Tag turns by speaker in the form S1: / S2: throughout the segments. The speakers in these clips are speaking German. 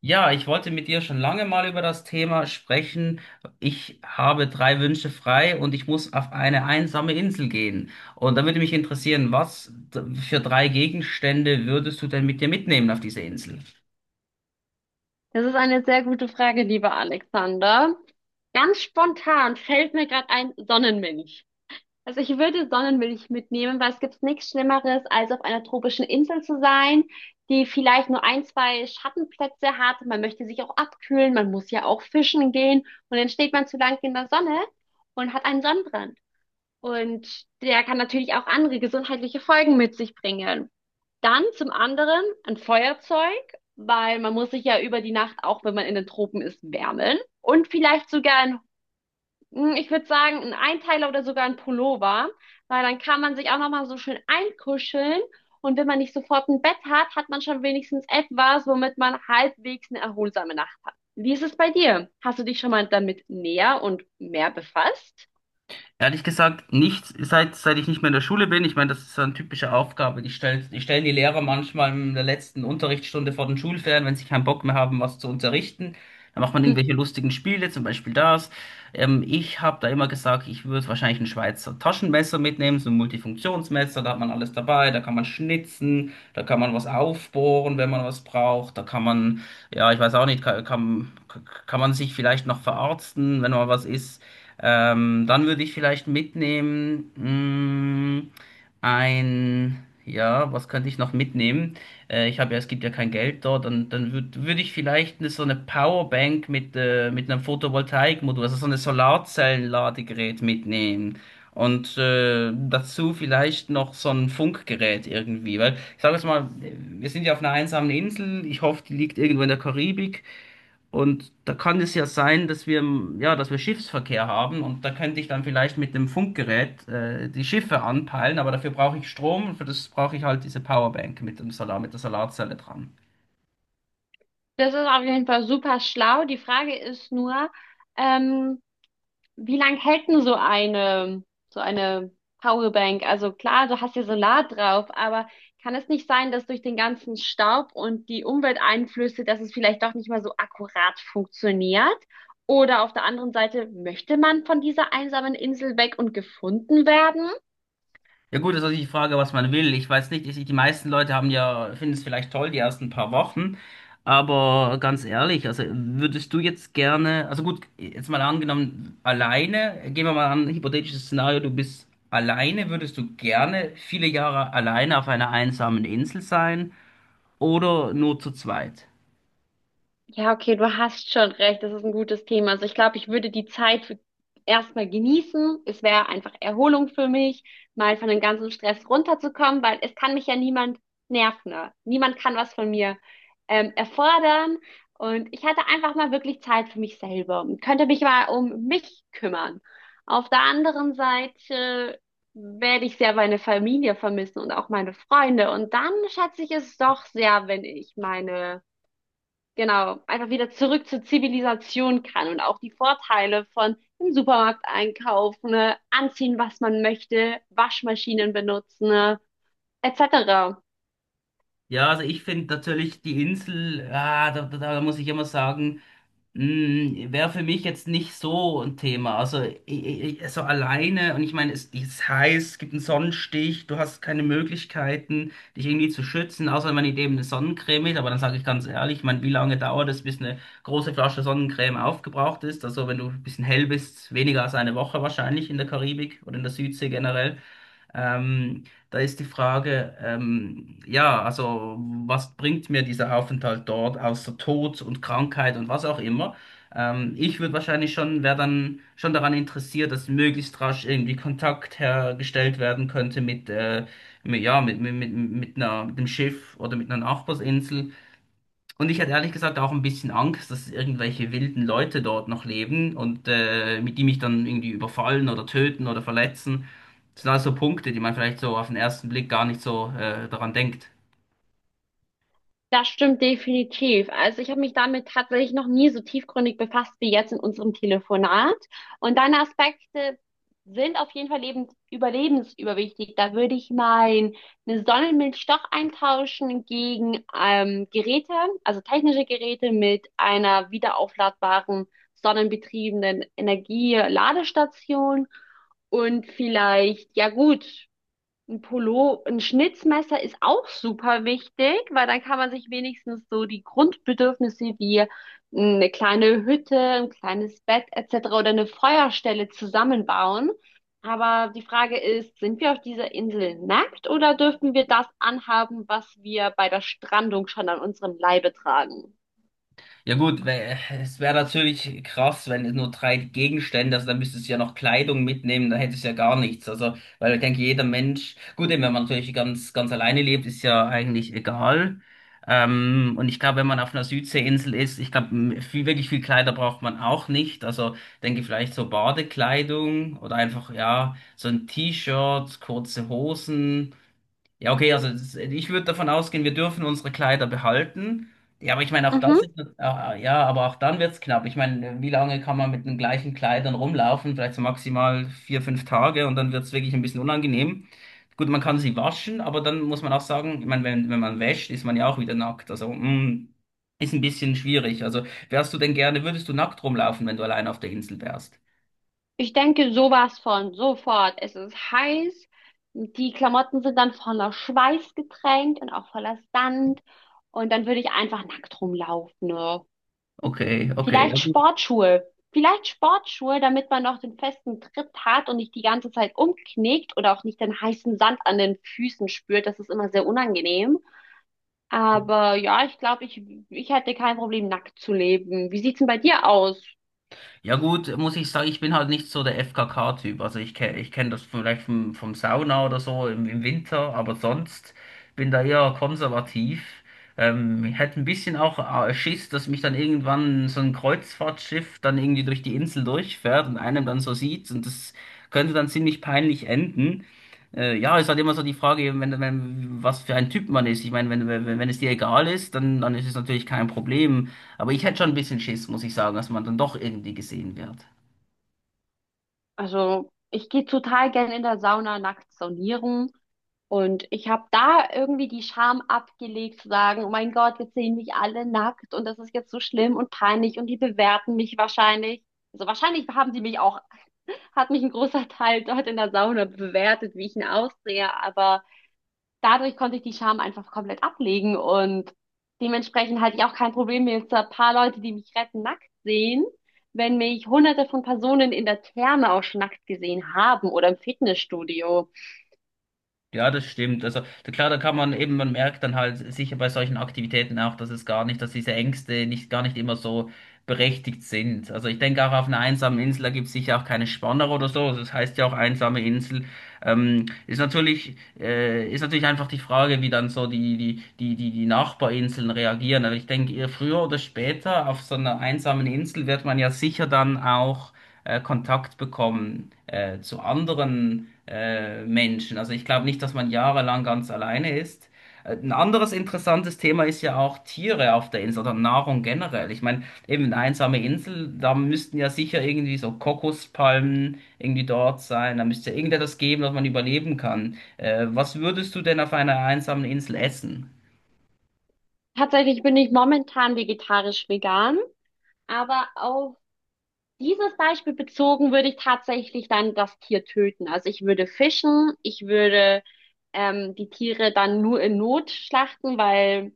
S1: Ja, ich wollte mit dir schon lange mal über das Thema sprechen. Ich habe drei Wünsche frei und ich muss auf eine einsame Insel gehen. Und da würde mich interessieren, für drei Gegenstände würdest du denn mit dir mitnehmen auf diese Insel?
S2: Das ist eine sehr gute Frage, lieber Alexander. Ganz spontan fällt mir gerade ein Sonnenmilch. Also ich würde Sonnenmilch mitnehmen, weil es gibt nichts Schlimmeres, als auf einer tropischen Insel zu sein, die vielleicht nur ein, zwei Schattenplätze hat. Man möchte sich auch abkühlen, man muss ja auch fischen gehen und dann steht man zu lange in der Sonne und hat einen Sonnenbrand. Und der kann natürlich auch andere gesundheitliche Folgen mit sich bringen. Dann zum anderen ein Feuerzeug, weil man muss sich ja über die Nacht, auch wenn man in den Tropen ist, wärmen. Und vielleicht sogar ein, ich würde sagen, ein Einteiler oder sogar ein Pullover, weil dann kann man sich auch nochmal so schön einkuscheln. Und wenn man nicht sofort ein Bett hat, hat man schon wenigstens etwas, womit man halbwegs eine erholsame Nacht hat. Wie ist es bei dir? Hast du dich schon mal damit näher und mehr befasst?
S1: Ehrlich gesagt, nicht, seit ich nicht mehr in der Schule bin. Ich meine, das ist so eine typische Aufgabe. Die stellen die Lehrer manchmal in der letzten Unterrichtsstunde vor den Schulferien, wenn sie keinen Bock mehr haben, was zu unterrichten. Dann macht man
S2: Hm.
S1: irgendwelche lustigen Spiele, zum Beispiel das. Ich habe da immer gesagt, ich würde wahrscheinlich ein Schweizer Taschenmesser mitnehmen, so ein Multifunktionsmesser, da hat man alles dabei, da kann man schnitzen, da kann man was aufbohren, wenn man was braucht, da kann man, ja, ich weiß auch nicht, kann man sich vielleicht noch verarzten, wenn mal was ist. Dann würde ich vielleicht mitnehmen, ein, ja, was könnte ich noch mitnehmen? Ich habe ja, es gibt ja kein Geld dort, dann, dann würde würd ich vielleicht eine, so eine Powerbank mit einem Photovoltaikmodul, also so eine Solarzellenladegerät mitnehmen. Und dazu vielleicht noch so ein Funkgerät irgendwie, weil ich sage jetzt mal, wir sind ja auf einer einsamen Insel, ich hoffe, die liegt irgendwo in der Karibik. Und da kann es ja sein, dass wir Schiffsverkehr haben und da könnte ich dann vielleicht mit dem Funkgerät die Schiffe anpeilen, aber dafür brauche ich Strom und für das brauche ich halt diese Powerbank mit dem Solar, mit der Solarzelle dran.
S2: Das ist auf jeden Fall super schlau. Die Frage ist nur, ähm, wie lang hält denn so eine Powerbank? Also klar, du hast ja Solar drauf, aber kann es nicht sein, dass durch den ganzen Staub und die Umwelteinflüsse, dass es vielleicht doch nicht mehr so akkurat funktioniert? Oder auf der anderen Seite, möchte man von dieser einsamen Insel weg und gefunden werden?
S1: Ja gut, das ist natürlich die Frage, was man will. Ich weiß nicht, ich, die meisten Leute haben ja, finden es vielleicht toll, die ersten paar Wochen. Aber ganz ehrlich, also würdest du jetzt gerne, also gut, jetzt mal angenommen, alleine, gehen wir mal an, hypothetisches Szenario, du bist alleine, würdest du gerne viele Jahre alleine auf einer einsamen Insel sein oder nur zu zweit?
S2: Ja, okay, du hast schon recht. Das ist ein gutes Thema. Also ich glaube, ich würde die Zeit für erstmal genießen. Es wäre einfach Erholung für mich, mal von dem ganzen Stress runterzukommen, weil es kann mich ja niemand nerven, ne? Niemand kann was von mir erfordern. Und ich hatte einfach mal wirklich Zeit für mich selber und könnte mich mal um mich kümmern. Auf der anderen Seite werde ich sehr meine Familie vermissen und auch meine Freunde. Und dann schätze ich es doch sehr, wenn ich meine, genau, einfach wieder zurück zur Zivilisation kann und auch die Vorteile von im Supermarkt einkaufen, ne, anziehen, was man möchte, Waschmaschinen benutzen, ne, etc.
S1: Ja, also ich finde natürlich die Insel, da muss ich immer sagen, wäre für mich jetzt nicht so ein Thema. Also, so alleine, und ich meine, es ist heiß, es gibt einen Sonnenstich, du hast keine Möglichkeiten, dich irgendwie zu schützen, außer man nimmt eben eine Sonnencreme mit. Aber dann sage ich ganz ehrlich, ich meine, wie lange dauert es, bis eine große Flasche Sonnencreme aufgebraucht ist? Also, wenn du ein bisschen hell bist, weniger als eine Woche wahrscheinlich in der Karibik oder in der Südsee generell. Ähm, Da ist die Frage, ja, also was bringt mir dieser Aufenthalt dort außer Tod und Krankheit und was auch immer? Ich würde wahrscheinlich schon, wäre dann schon daran interessiert, dass möglichst rasch irgendwie Kontakt hergestellt werden könnte mit einer, mit dem Schiff oder mit einer Nachbarsinsel. Und ich hatte ehrlich gesagt auch ein bisschen Angst, dass irgendwelche wilden Leute dort noch leben und mit die mich dann irgendwie überfallen oder töten oder verletzen. Das sind alles so Punkte, die man vielleicht so auf den ersten Blick gar nicht so daran denkt.
S2: Das stimmt definitiv. Also ich habe mich damit tatsächlich noch nie so tiefgründig befasst wie jetzt in unserem Telefonat. Und deine Aspekte sind auf jeden Fall lebens überlebensüberwichtig. Da würde ich mein eine Sonnenmilch doch eintauschen gegen Geräte, also technische Geräte mit einer wiederaufladbaren sonnenbetriebenen Energieladestation. Und vielleicht, ja gut, ein Pullo, ein Schnitzmesser ist auch super wichtig, weil dann kann man sich wenigstens so die Grundbedürfnisse wie eine kleine Hütte, ein kleines Bett etc. oder eine Feuerstelle zusammenbauen. Aber die Frage ist, sind wir auf dieser Insel nackt oder dürfen wir das anhaben, was wir bei der Strandung schon an unserem Leibe tragen?
S1: Ja gut, es wäre natürlich krass, wenn es nur drei Gegenstände, also dann müsstest du ja noch Kleidung mitnehmen, dann hättest du ja gar nichts. Also, weil ich denke, jeder Mensch, gut, eben, wenn man natürlich ganz, ganz alleine lebt, ist ja eigentlich egal. Und ich glaube, wenn man auf einer Südseeinsel ist, ich glaube, viel, wirklich viel Kleider braucht man auch nicht. Also denke vielleicht so Badekleidung oder einfach, ja, so ein T-Shirt, kurze Hosen. Ja, okay, also das, ich würde davon ausgehen, wir dürfen unsere Kleider behalten. Ja, aber ich meine, auch das
S2: Mhm.
S1: ist, ja, aber auch dann wird's knapp. Ich meine, wie lange kann man mit den gleichen Kleidern rumlaufen? Vielleicht so maximal vier, fünf Tage und dann wird's wirklich ein bisschen unangenehm. Gut, man kann sie waschen, aber dann muss man auch sagen, ich meine, wenn man wäscht, ist man ja auch wieder nackt. Ist ein bisschen schwierig. Also, wärst du denn gerne, würdest du nackt rumlaufen, wenn du allein auf der Insel wärst?
S2: Ich denke sowas von, sofort. Es ist heiß, die Klamotten sind dann voller Schweiß getränkt und auch voller Sand. Und dann würde ich einfach nackt rumlaufen. Ne?
S1: Okay, okay. Ja,
S2: Vielleicht
S1: gut.
S2: Sportschuhe. Vielleicht Sportschuhe, damit man noch den festen Tritt hat und nicht die ganze Zeit umknickt oder auch nicht den heißen Sand an den Füßen spürt. Das ist immer sehr unangenehm. Aber ja, ich glaube, ich hätte kein Problem, nackt zu leben. Wie sieht's denn bei dir aus?
S1: Ja gut, muss ich sagen, ich bin halt nicht so der FKK-Typ. Ich kenn das vielleicht vom Sauna oder so im Winter, aber sonst bin da eher konservativ. Ich hätte ein bisschen auch Schiss, dass mich dann irgendwann so ein Kreuzfahrtschiff dann irgendwie durch die Insel durchfährt und einem dann so sieht und das könnte dann ziemlich peinlich enden. Ja, ist halt immer so die Frage, eben, wenn, wenn, was für ein Typ man ist. Ich meine, wenn es dir egal ist, dann ist es natürlich kein Problem. Aber ich hätte schon ein bisschen Schiss, muss ich sagen, dass man dann doch irgendwie gesehen wird.
S2: Also, ich gehe total gern in der Sauna nachts saunieren. Und ich habe da irgendwie die Scham abgelegt, zu sagen, oh mein Gott, jetzt sehen mich alle nackt und das ist jetzt so schlimm und peinlich und die bewerten mich wahrscheinlich. Also wahrscheinlich haben sie mich auch, hat mich ein großer Teil dort in der Sauna bewertet, wie ich ihn aussehe, aber dadurch konnte ich die Scham einfach komplett ablegen und dementsprechend hatte ich auch kein Problem, wenn jetzt ein paar Leute, die mich retten, nackt sehen, wenn mich hunderte von Personen in der Therme auch schon nackt gesehen haben oder im Fitnessstudio.
S1: Ja, das stimmt. Also klar, da kann man eben, man merkt dann halt sicher bei solchen Aktivitäten auch, dass es gar nicht, dass diese Ängste nicht gar nicht immer so berechtigt sind. Also ich denke auch auf einer einsamen Insel, da gibt es sicher auch keine Spanner oder so. Also das heißt ja auch einsame Insel. Ist natürlich einfach die Frage, wie dann so die Nachbarinseln reagieren. Aber ich denke, eher früher oder später auf so einer einsamen Insel wird man ja sicher dann auch Kontakt bekommen zu anderen Menschen. Also ich glaube nicht, dass man jahrelang ganz alleine ist. Ein anderes interessantes Thema ist ja auch Tiere auf der Insel oder Nahrung generell. Ich meine, eben eine einsame Insel, da müssten ja sicher irgendwie so Kokospalmen irgendwie dort sein. Da müsste ja irgendetwas geben, dass man überleben kann. Was würdest du denn auf einer einsamen Insel essen?
S2: Tatsächlich bin ich momentan vegetarisch vegan, aber auf dieses Beispiel bezogen würde ich tatsächlich dann das Tier töten. Also ich würde fischen, ich würde die Tiere dann nur in Not schlachten, weil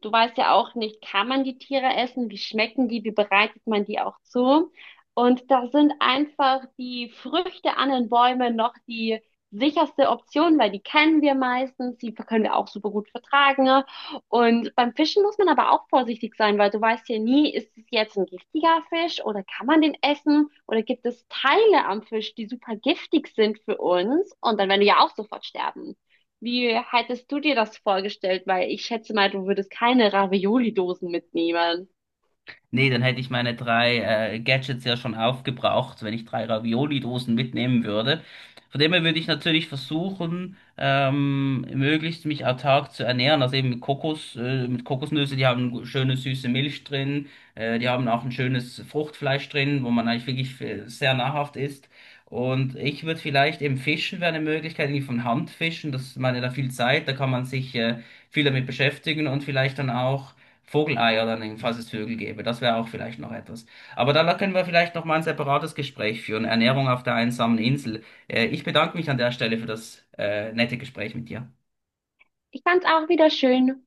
S2: du weißt ja auch nicht, kann man die Tiere essen, wie schmecken die, wie bereitet man die auch zu. Und da sind einfach die Früchte an den Bäumen noch die sicherste Option, weil die kennen wir meistens, die können wir auch super gut vertragen. Und beim Fischen muss man aber auch vorsichtig sein, weil du weißt ja nie, ist es jetzt ein giftiger Fisch oder kann man den essen oder gibt es Teile am Fisch, die super giftig sind für uns und dann werden wir ja auch sofort sterben. Wie hättest du dir das vorgestellt? Weil ich schätze mal, du würdest keine Ravioli-Dosen mitnehmen.
S1: Nee, dann hätte ich meine drei Gadgets ja schon aufgebraucht, wenn ich drei Ravioli-Dosen mitnehmen würde. Von dem her würde ich natürlich versuchen, möglichst mich autark zu ernähren, also eben mit Kokos, mit Kokosnüsse, die haben schöne süße Milch drin, die haben auch ein schönes Fruchtfleisch drin, wo man eigentlich wirklich sehr nahrhaft isst. Und ich würde vielleicht eben Fischen wäre eine Möglichkeit, irgendwie von Hand fischen, das ich meine da viel Zeit, da kann man sich viel damit beschäftigen und vielleicht dann auch Vogelei oder nehmen, falls es Vögel gäbe. Das wäre auch vielleicht noch etwas. Aber da können wir vielleicht noch mal ein separates Gespräch führen. Ernährung auf der einsamen Insel. Ich bedanke mich an der Stelle für das nette Gespräch mit dir.
S2: Ich fand's auch wieder schön.